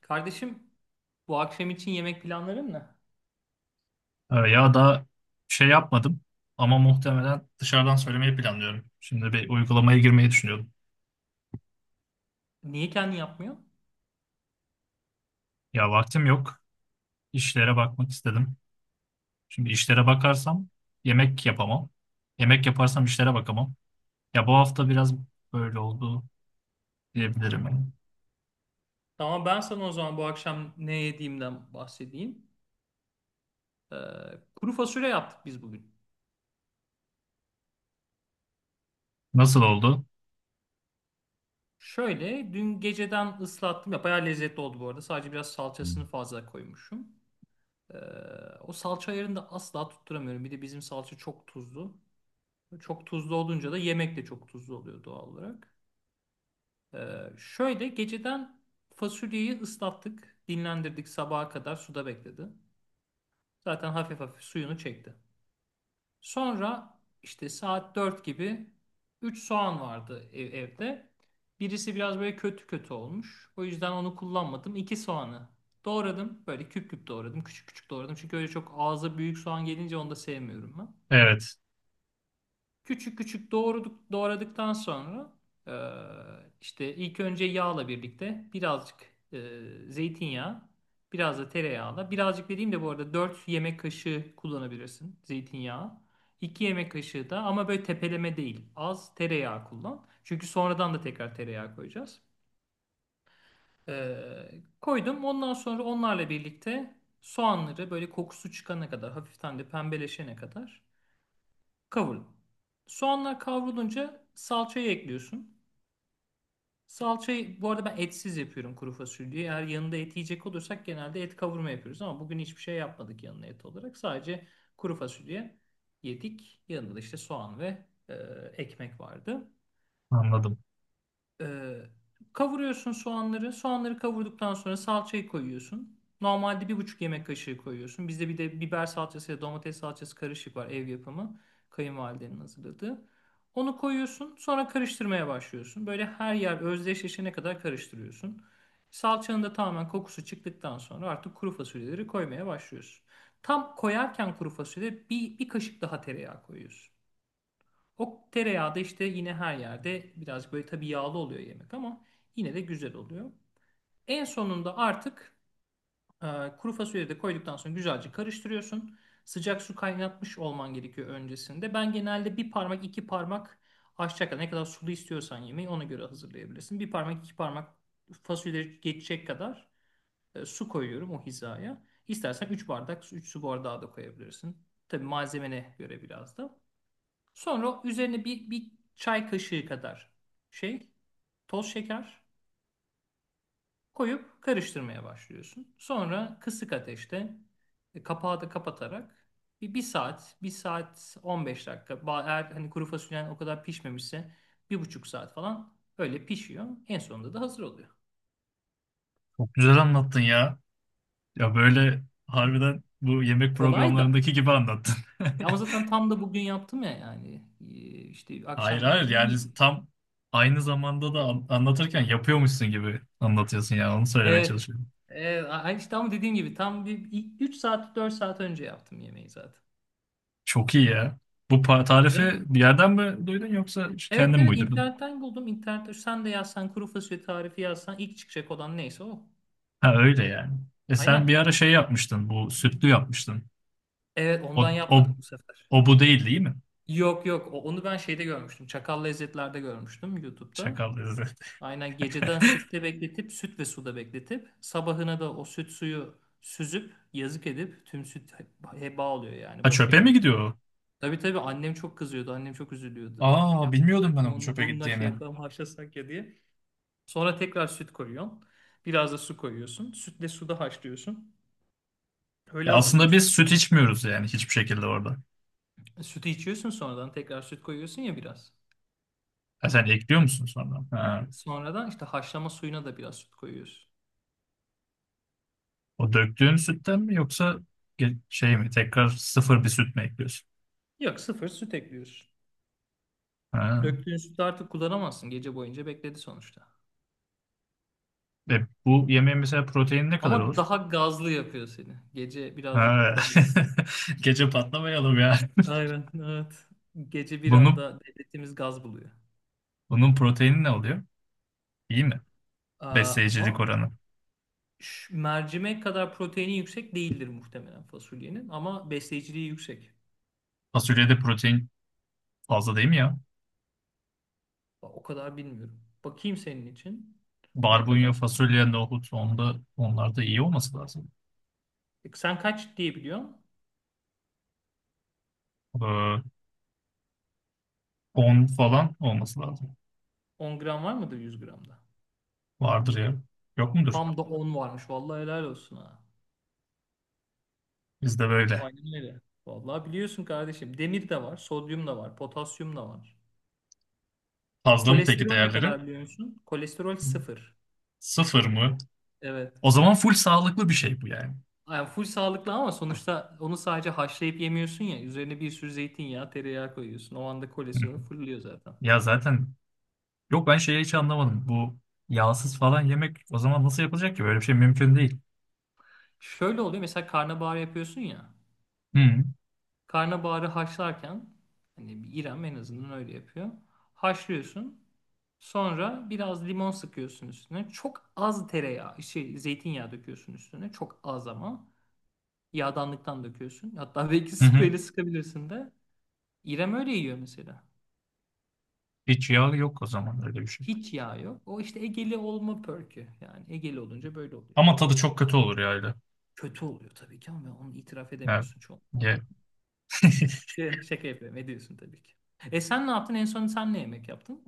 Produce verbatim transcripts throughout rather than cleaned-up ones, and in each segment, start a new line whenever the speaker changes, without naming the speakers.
Kardeşim, bu akşam için yemek planların ne?
Ee, Ya da şey yapmadım ama muhtemelen dışarıdan söylemeyi planlıyorum. Şimdi bir uygulamaya girmeyi düşünüyordum.
Niye kendin yapmıyor?
Ya vaktim yok. İşlere bakmak istedim. Şimdi işlere bakarsam yemek yapamam. Yemek yaparsam işlere bakamam. Ya bu hafta biraz böyle oldu diyebilirim.
Tamam, ben sana o zaman bu akşam ne yediğimden bahsedeyim. Ee, kuru fasulye yaptık biz bugün.
Nasıl oldu?
Şöyle dün geceden ıslattım ya, bayağı lezzetli oldu bu arada. Sadece biraz salçasını fazla koymuşum. Ee, o salça ayarını da asla tutturamıyorum. Bir de bizim salça çok tuzlu. Çok tuzlu olunca da yemek de çok tuzlu oluyor doğal olarak. Ee, şöyle geceden fasulyeyi ıslattık. Dinlendirdik, sabaha kadar suda bekledi. Zaten hafif hafif suyunu çekti. Sonra işte saat dört gibi üç soğan vardı ev- evde. Birisi biraz böyle kötü kötü olmuş. O yüzden onu kullanmadım. iki soğanı doğradım. Böyle küp küp doğradım. Küçük küçük doğradım. Çünkü öyle çok ağza büyük soğan gelince onu da sevmiyorum ben.
Evet,
Küçük küçük doğraduk, doğradıktan sonra e, işte ilk önce yağla birlikte birazcık e, zeytinyağı, biraz da tereyağla. Birazcık dediğim de bu arada dört yemek kaşığı kullanabilirsin zeytinyağı. iki yemek kaşığı da, ama böyle tepeleme değil. Az tereyağı kullan. Çünkü sonradan da tekrar tereyağı koyacağız. E, koydum. Ondan sonra onlarla birlikte soğanları böyle kokusu çıkana kadar, hafiften de pembeleşene kadar kavurun. Soğanlar kavrulunca salçayı ekliyorsun. Salçayı bu arada ben etsiz yapıyorum kuru fasulyeyi. Eğer yanında et yiyecek olursak genelde et kavurma yapıyoruz ama bugün hiçbir şey yapmadık yanına et olarak. Sadece kuru fasulye yedik. Yanında da işte soğan ve e, ekmek vardı.
anladım.
Ee, kavuruyorsun soğanları. Soğanları kavurduktan sonra salçayı koyuyorsun. Normalde bir buçuk yemek kaşığı koyuyorsun. Bizde bir de biber salçası ya domates salçası karışık var, ev yapımı. Kayınvalidenin hazırladığı. Onu koyuyorsun. Sonra karıştırmaya başlıyorsun. Böyle her yer özdeşleşene kadar karıştırıyorsun. Salçanın da tamamen kokusu çıktıktan sonra artık kuru fasulyeleri koymaya başlıyorsun. Tam koyarken kuru fasulye bir, bir kaşık daha tereyağı koyuyorsun. O tereyağı da işte yine her yerde birazcık, böyle tabii yağlı oluyor yemek ama yine de güzel oluyor. En sonunda artık e, kuru fasulyeyi de koyduktan sonra güzelce karıştırıyorsun. Sıcak su kaynatmış olman gerekiyor öncesinde. Ben genelde bir parmak iki parmak aşacak kadar, ne kadar sulu istiyorsan yemeği ona göre hazırlayabilirsin. Bir parmak iki parmak fasulye geçecek kadar e, su koyuyorum o hizaya. İstersen üç bardak, üç su bardağı da koyabilirsin. Tabii malzemene göre biraz da. Sonra üzerine bir, bir çay kaşığı kadar şey, toz şeker koyup karıştırmaya başlıyorsun. Sonra kısık ateşte e, kapağı da kapatarak bir, bir saat, bir saat on beş dakika. Ba- Eğer hani kuru fasulyen o kadar pişmemişse bir buçuk saat falan öyle pişiyor. En sonunda da hazır oluyor.
Çok güzel anlattın ya. Ya böyle harbiden bu yemek
Kolay da.
programlarındaki gibi anlattın.
E Ama zaten tam da bugün yaptım ya, yani. E, işte
Hayır
akşam
hayır,
yemeğini
yani
yedim.
tam aynı zamanda da an- anlatırken yapıyormuşsun gibi anlatıyorsun ya, onu söylemeye
Evet.
çalışıyorum.
Evet, a- işte ama dediğim gibi tam bir üç saat, dört saat önce yaptım yemeği zaten.
Çok iyi ya. Bu pa-
Güzel.
tarifi bir yerden mi duydun yoksa
Evet,
kendin mi
evet,
uydurdun?
internetten buldum. İnternette sen de yazsan, kuru fasulye tarifi yazsan, ilk çıkacak olan neyse o.
Ha, öyle yani. E sen
Aynen.
bir ara şey yapmıştın, bu sütlü yapmıştın.
Evet,
O,
ondan
o,
yapmadım bu sefer.
O bu değil değil mi?
Yok, yok, o- onu ben şeyde görmüştüm. Çakal Lezzetler'de görmüştüm YouTube'da.
Şakal dedi.
Aynen, geceden sütte bekletip, süt ve suda bekletip, sabahına da o süt suyu süzüp yazık edip tüm süt he- heba oluyor, yani
Ha
boşa
çöpe mi
gidiyor.
gidiyor o?
Tabii, tabii, annem çok kızıyordu. Annem çok üzülüyordu.
Aa, bilmiyordum
Yapsak
ben
mı
onun
onu,
çöpe
bununla şey
gittiğini.
yapalım haşlasak ya diye. Sonra tekrar süt koyuyorsun. Biraz da su koyuyorsun. Sütle suda haşlıyorsun.
Ya
Öyle
aslında
hazırlıyorsun.
biz süt içmiyoruz yani hiçbir şekilde orada.
E, Sütü içiyorsun, sonradan tekrar süt koyuyorsun ya biraz.
Ha sen ekliyor musun sonra? Ha.
Sonradan işte haşlama suyuna da biraz süt koyuyorsun.
O döktüğün sütten mi yoksa ge- şey mi, tekrar sıfır bir süt mü ekliyorsun?
Yok, sıfır süt ekliyorsun.
Ha.
Döktüğün sütü artık kullanamazsın. Gece boyunca bekledi sonuçta.
E, bu yemeğin mesela proteini ne kadar
Ama
olur?
daha gazlı yapıyor seni. Gece birazcık
Ha.
daha...
Gece patlamayalım ya.
Aynen, evet. Gece bir
Bunun,
anda devletimiz gaz buluyor.
bunun proteini ne oluyor? İyi mi?
Aa, vah.
Besleyicilik oranı.
ş- mercimek kadar proteini yüksek değildir muhtemelen fasulyenin, ama besleyiciliği yüksek.
Fasulyede protein fazla değil mi ya?
O kadar bilmiyorum. Bakayım senin için ne
Barbunya,
kadar.
fasulye, nohut onda, onlarda iyi olması lazım.
E, Sen kaç diye biliyorsun?
Ee, on falan olması lazım.
On gram var mıdır yüz gramda?
Vardır ya. Yok mudur?
Tam da on varmış. Vallahi helal olsun ha.
Bizde böyle.
Aynen öyle. Vallahi biliyorsun kardeşim. Demir de var, sodyum da var, potasyum da var.
Fazla mı peki
Kolesterol ne
değerleri?
kadar biliyor musun? Kolesterol sıfır.
Sıfır mı?
Evet.
O zaman full sağlıklı bir şey bu yani.
Yani full sağlıklı ama sonuçta onu sadece haşlayıp yemiyorsun ya. Üzerine bir sürü zeytinyağı, tereyağı koyuyorsun. O anda
Hı.
kolesterol fırlıyor zaten.
Ya zaten yok, ben şeyi hiç anlamadım. Bu yağsız falan yemek o zaman nasıl yapılacak ki? Böyle bir şey mümkün değil.
Şöyle oluyor, mesela karnabahar yapıyorsun ya.
Hı
Karnabaharı haşlarken, hani bir İrem en azından öyle yapıyor. Haşlıyorsun. Sonra biraz limon sıkıyorsun üstüne. Çok az tereyağı, şey, zeytinyağı döküyorsun üstüne. Çok az ama. Yağdanlıktan döküyorsun. Hatta belki
hı. Hı.
spreyle sıkabilirsin de. İrem öyle yiyor mesela.
Hiç yağ yok o zaman öyle bir şey.
Hiç yağ yok. O işte Egeli olma perkü. Yani Egeli olunca böyle oluyor.
Ama tadı çok kötü olur ya.
Kötü oluyor tabii ki, ama onu itiraf
Evet.
edemiyorsun çoğun.
Ye.
Ee, Şaka yapıyorum. Ediyorsun tabii ki. E sen ne yaptın? En son sen ne yemek yaptın?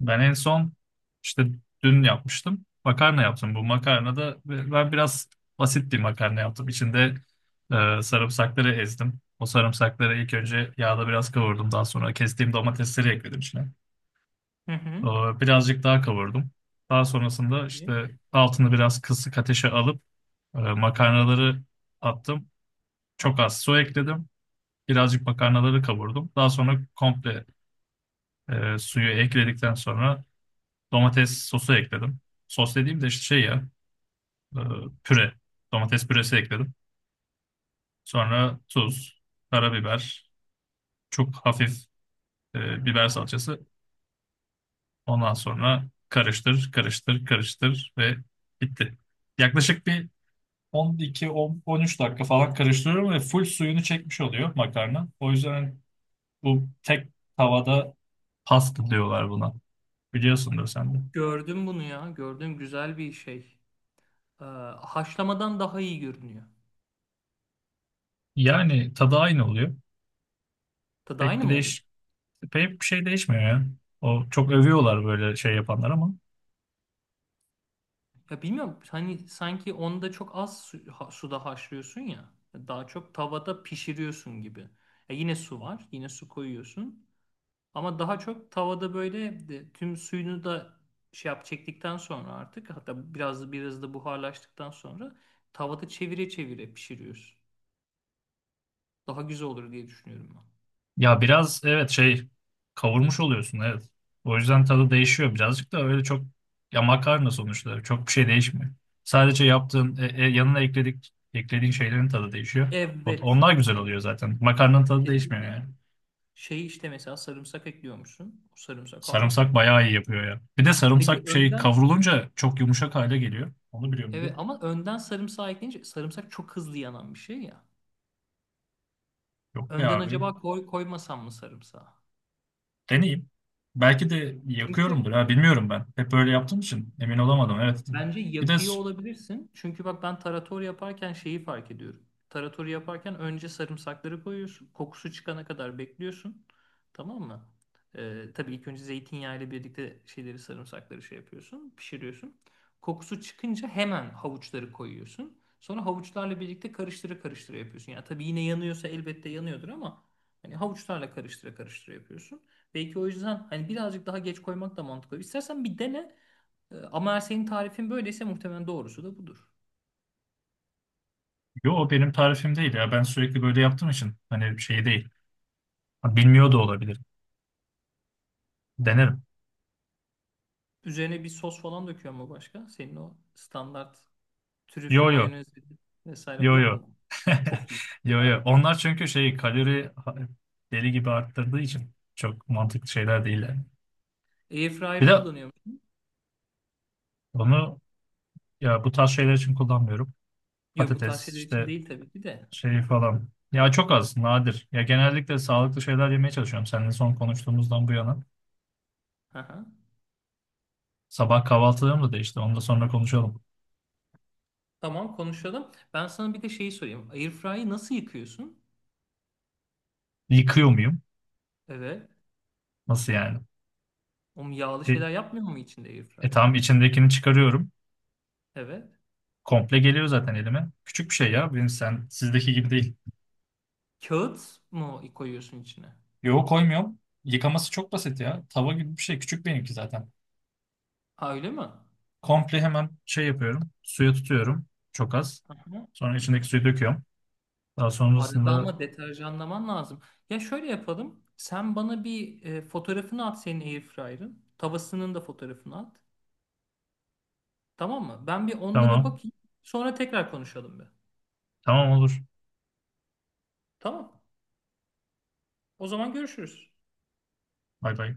Ben en son işte dün yapmıştım. Makarna yaptım. Bu makarna da ben biraz basit bir makarna yaptım. İçinde e, sarımsakları ezdim. O sarımsakları ilk önce yağda biraz kavurdum. Daha sonra kestiğim domatesleri ekledim içine.
Hı hı.
Ee, Birazcık daha kavurdum. Daha sonrasında
İyi.
işte altını biraz kısık ateşe alıp e, makarnaları attım. Çok az su ekledim. Birazcık makarnaları kavurdum. Daha sonra komple e, suyu ekledikten sonra domates sosu ekledim. Sos dediğim de işte şey ya, e, püre. Domates püresi ekledim. Sonra tuz, karabiber, çok hafif e, biber salçası. Ondan sonra karıştır, karıştır, karıştır ve bitti. Yaklaşık bir on iki on üç dakika falan karıştırıyorum ve full suyunu çekmiş oluyor makarna. O yüzden bu tek tavada pasta diyorlar buna. Biliyorsundur sen de.
Gördüm bunu ya. Gördüm, güzel bir şey. Ee, haşlamadan daha iyi görünüyor.
Yani tadı aynı oluyor.
Tadı
Pek
aynı
bir
mı oluyor?
değiş Pek bir şey değişmiyor ya. O çok övüyorlar böyle şey yapanlar ama.
Ya bilmiyorum. Hani sanki onda çok az su- ha- suda haşlıyorsun ya. Daha çok tavada pişiriyorsun gibi. Ya yine su var. Yine su koyuyorsun. Ama daha çok tavada böyle de- tüm suyunu da şey yap çektikten sonra, artık hatta biraz biraz da buharlaştıktan sonra tavada çevire çevire pişiriyoruz. Daha güzel olur diye düşünüyorum ben.
Ya biraz evet şey, kavurmuş oluyorsun evet. O yüzden tadı değişiyor birazcık da öyle çok, ya makarna sonuçta çok bir şey değişmiyor. Sadece yaptığın e, e, yanına ekledik eklediğin şeylerin tadı değişiyor. O-
Evet,
Onlar güzel oluyor
aynen.
zaten. Makarnanın tadı değişmiyor
Kesinlikle.
yani.
Şey, işte mesela sarımsak ekliyormuşsun. O sarımsak
Sarımsak
harika.
bayağı iyi yapıyor ya. Bir de sarımsak
Peki
bir şey
önden,
kavrulunca çok yumuşak hale geliyor. Onu biliyor
evet,
muydun?
ama önden sarımsağı ekleyince sarımsak çok hızlı yanan bir şey ya.
Yok be
Önden
abi.
acaba koy, koymasam mı sarımsağı?
Deneyeyim. Belki de
Çünkü
yakıyorumdur ha, bilmiyorum ben. Hep öyle yaptığım için emin olamadım, evet.
bence
Bir de
yakıyor olabilirsin. Çünkü bak, ben tarator yaparken şeyi fark ediyorum. Taratoru yaparken önce sarımsakları koyuyorsun. Kokusu çıkana kadar bekliyorsun. Tamam mı? Ee, tabii ilk önce zeytinyağı ile birlikte şeyleri, sarımsakları şey yapıyorsun. Pişiriyorsun. Kokusu çıkınca hemen havuçları koyuyorsun. Sonra havuçlarla birlikte karıştıra karıştıra yapıyorsun. Yani tabii, yine yanıyorsa elbette yanıyordur ama hani havuçlarla karıştıra karıştıra yapıyorsun. Belki o yüzden hani birazcık daha geç koymak da mantıklı. İstersen bir dene. Ee, Ama eğer senin tarifin böyleyse muhtemelen doğrusu da budur.
Yo, o benim tarifim değil ya. Ben sürekli böyle yaptığım için hani şey değil. Ha, bilmiyor da olabilirim. Denerim.
Üzerine bir sos falan döküyor mu başka? Senin o standart trüflü
Yo yo.
mayonez vesaire
Yo
yok
yo.
mu? Çok iyi.
Yo yo.
Harika.
Onlar çünkü şey, kalori ha- deli gibi arttırdığı için çok mantıklı şeyler değil yani. Bir
Airfryer'ı
de
kullanıyor musun?
onu ya bu tarz şeyler için kullanmıyorum.
Yok, bu tarz
Patates
şeyler için
işte
değil tabii ki de.
şey falan. Ya çok az, nadir. Ya genellikle sağlıklı şeyler yemeye çalışıyorum. Seninle son konuştuğumuzdan bu yana.
Aha.
Sabah kahvaltılarım da değişti. Onu da sonra konuşalım.
Tamam, konuşalım. Ben sana bir de şeyi sorayım. Airfryer'ı nasıl yıkıyorsun?
Yıkıyor muyum?
Evet.
Nasıl yani?
O yağlı
E,
şeyler yapmıyor mu içinde
E
airfryer?
tamam, içindekini çıkarıyorum.
Evet.
Komple geliyor zaten elime. Küçük bir şey ya. Benim, sen sizdeki gibi değil.
Kağıt mı koyuyorsun içine?
Yo koymuyorum. Yıkaması çok basit ya. Tava gibi bir şey. Küçük benimki zaten.
Ha, öyle mi?
Komple hemen şey yapıyorum. Suya tutuyorum. Çok az.
Aha.
Sonra içindeki suyu döküyorum. Daha
Arada
sonrasında
ama deterjanlaman lazım. Ya şöyle yapalım. Sen bana bir e, fotoğrafını at senin airfryer'ın. Tavasının da fotoğrafını at. Tamam mı? Ben bir onlara
tamam.
bakayım. Sonra tekrar konuşalım be.
Tamam olur.
Tamam. O zaman görüşürüz.
Bay bay.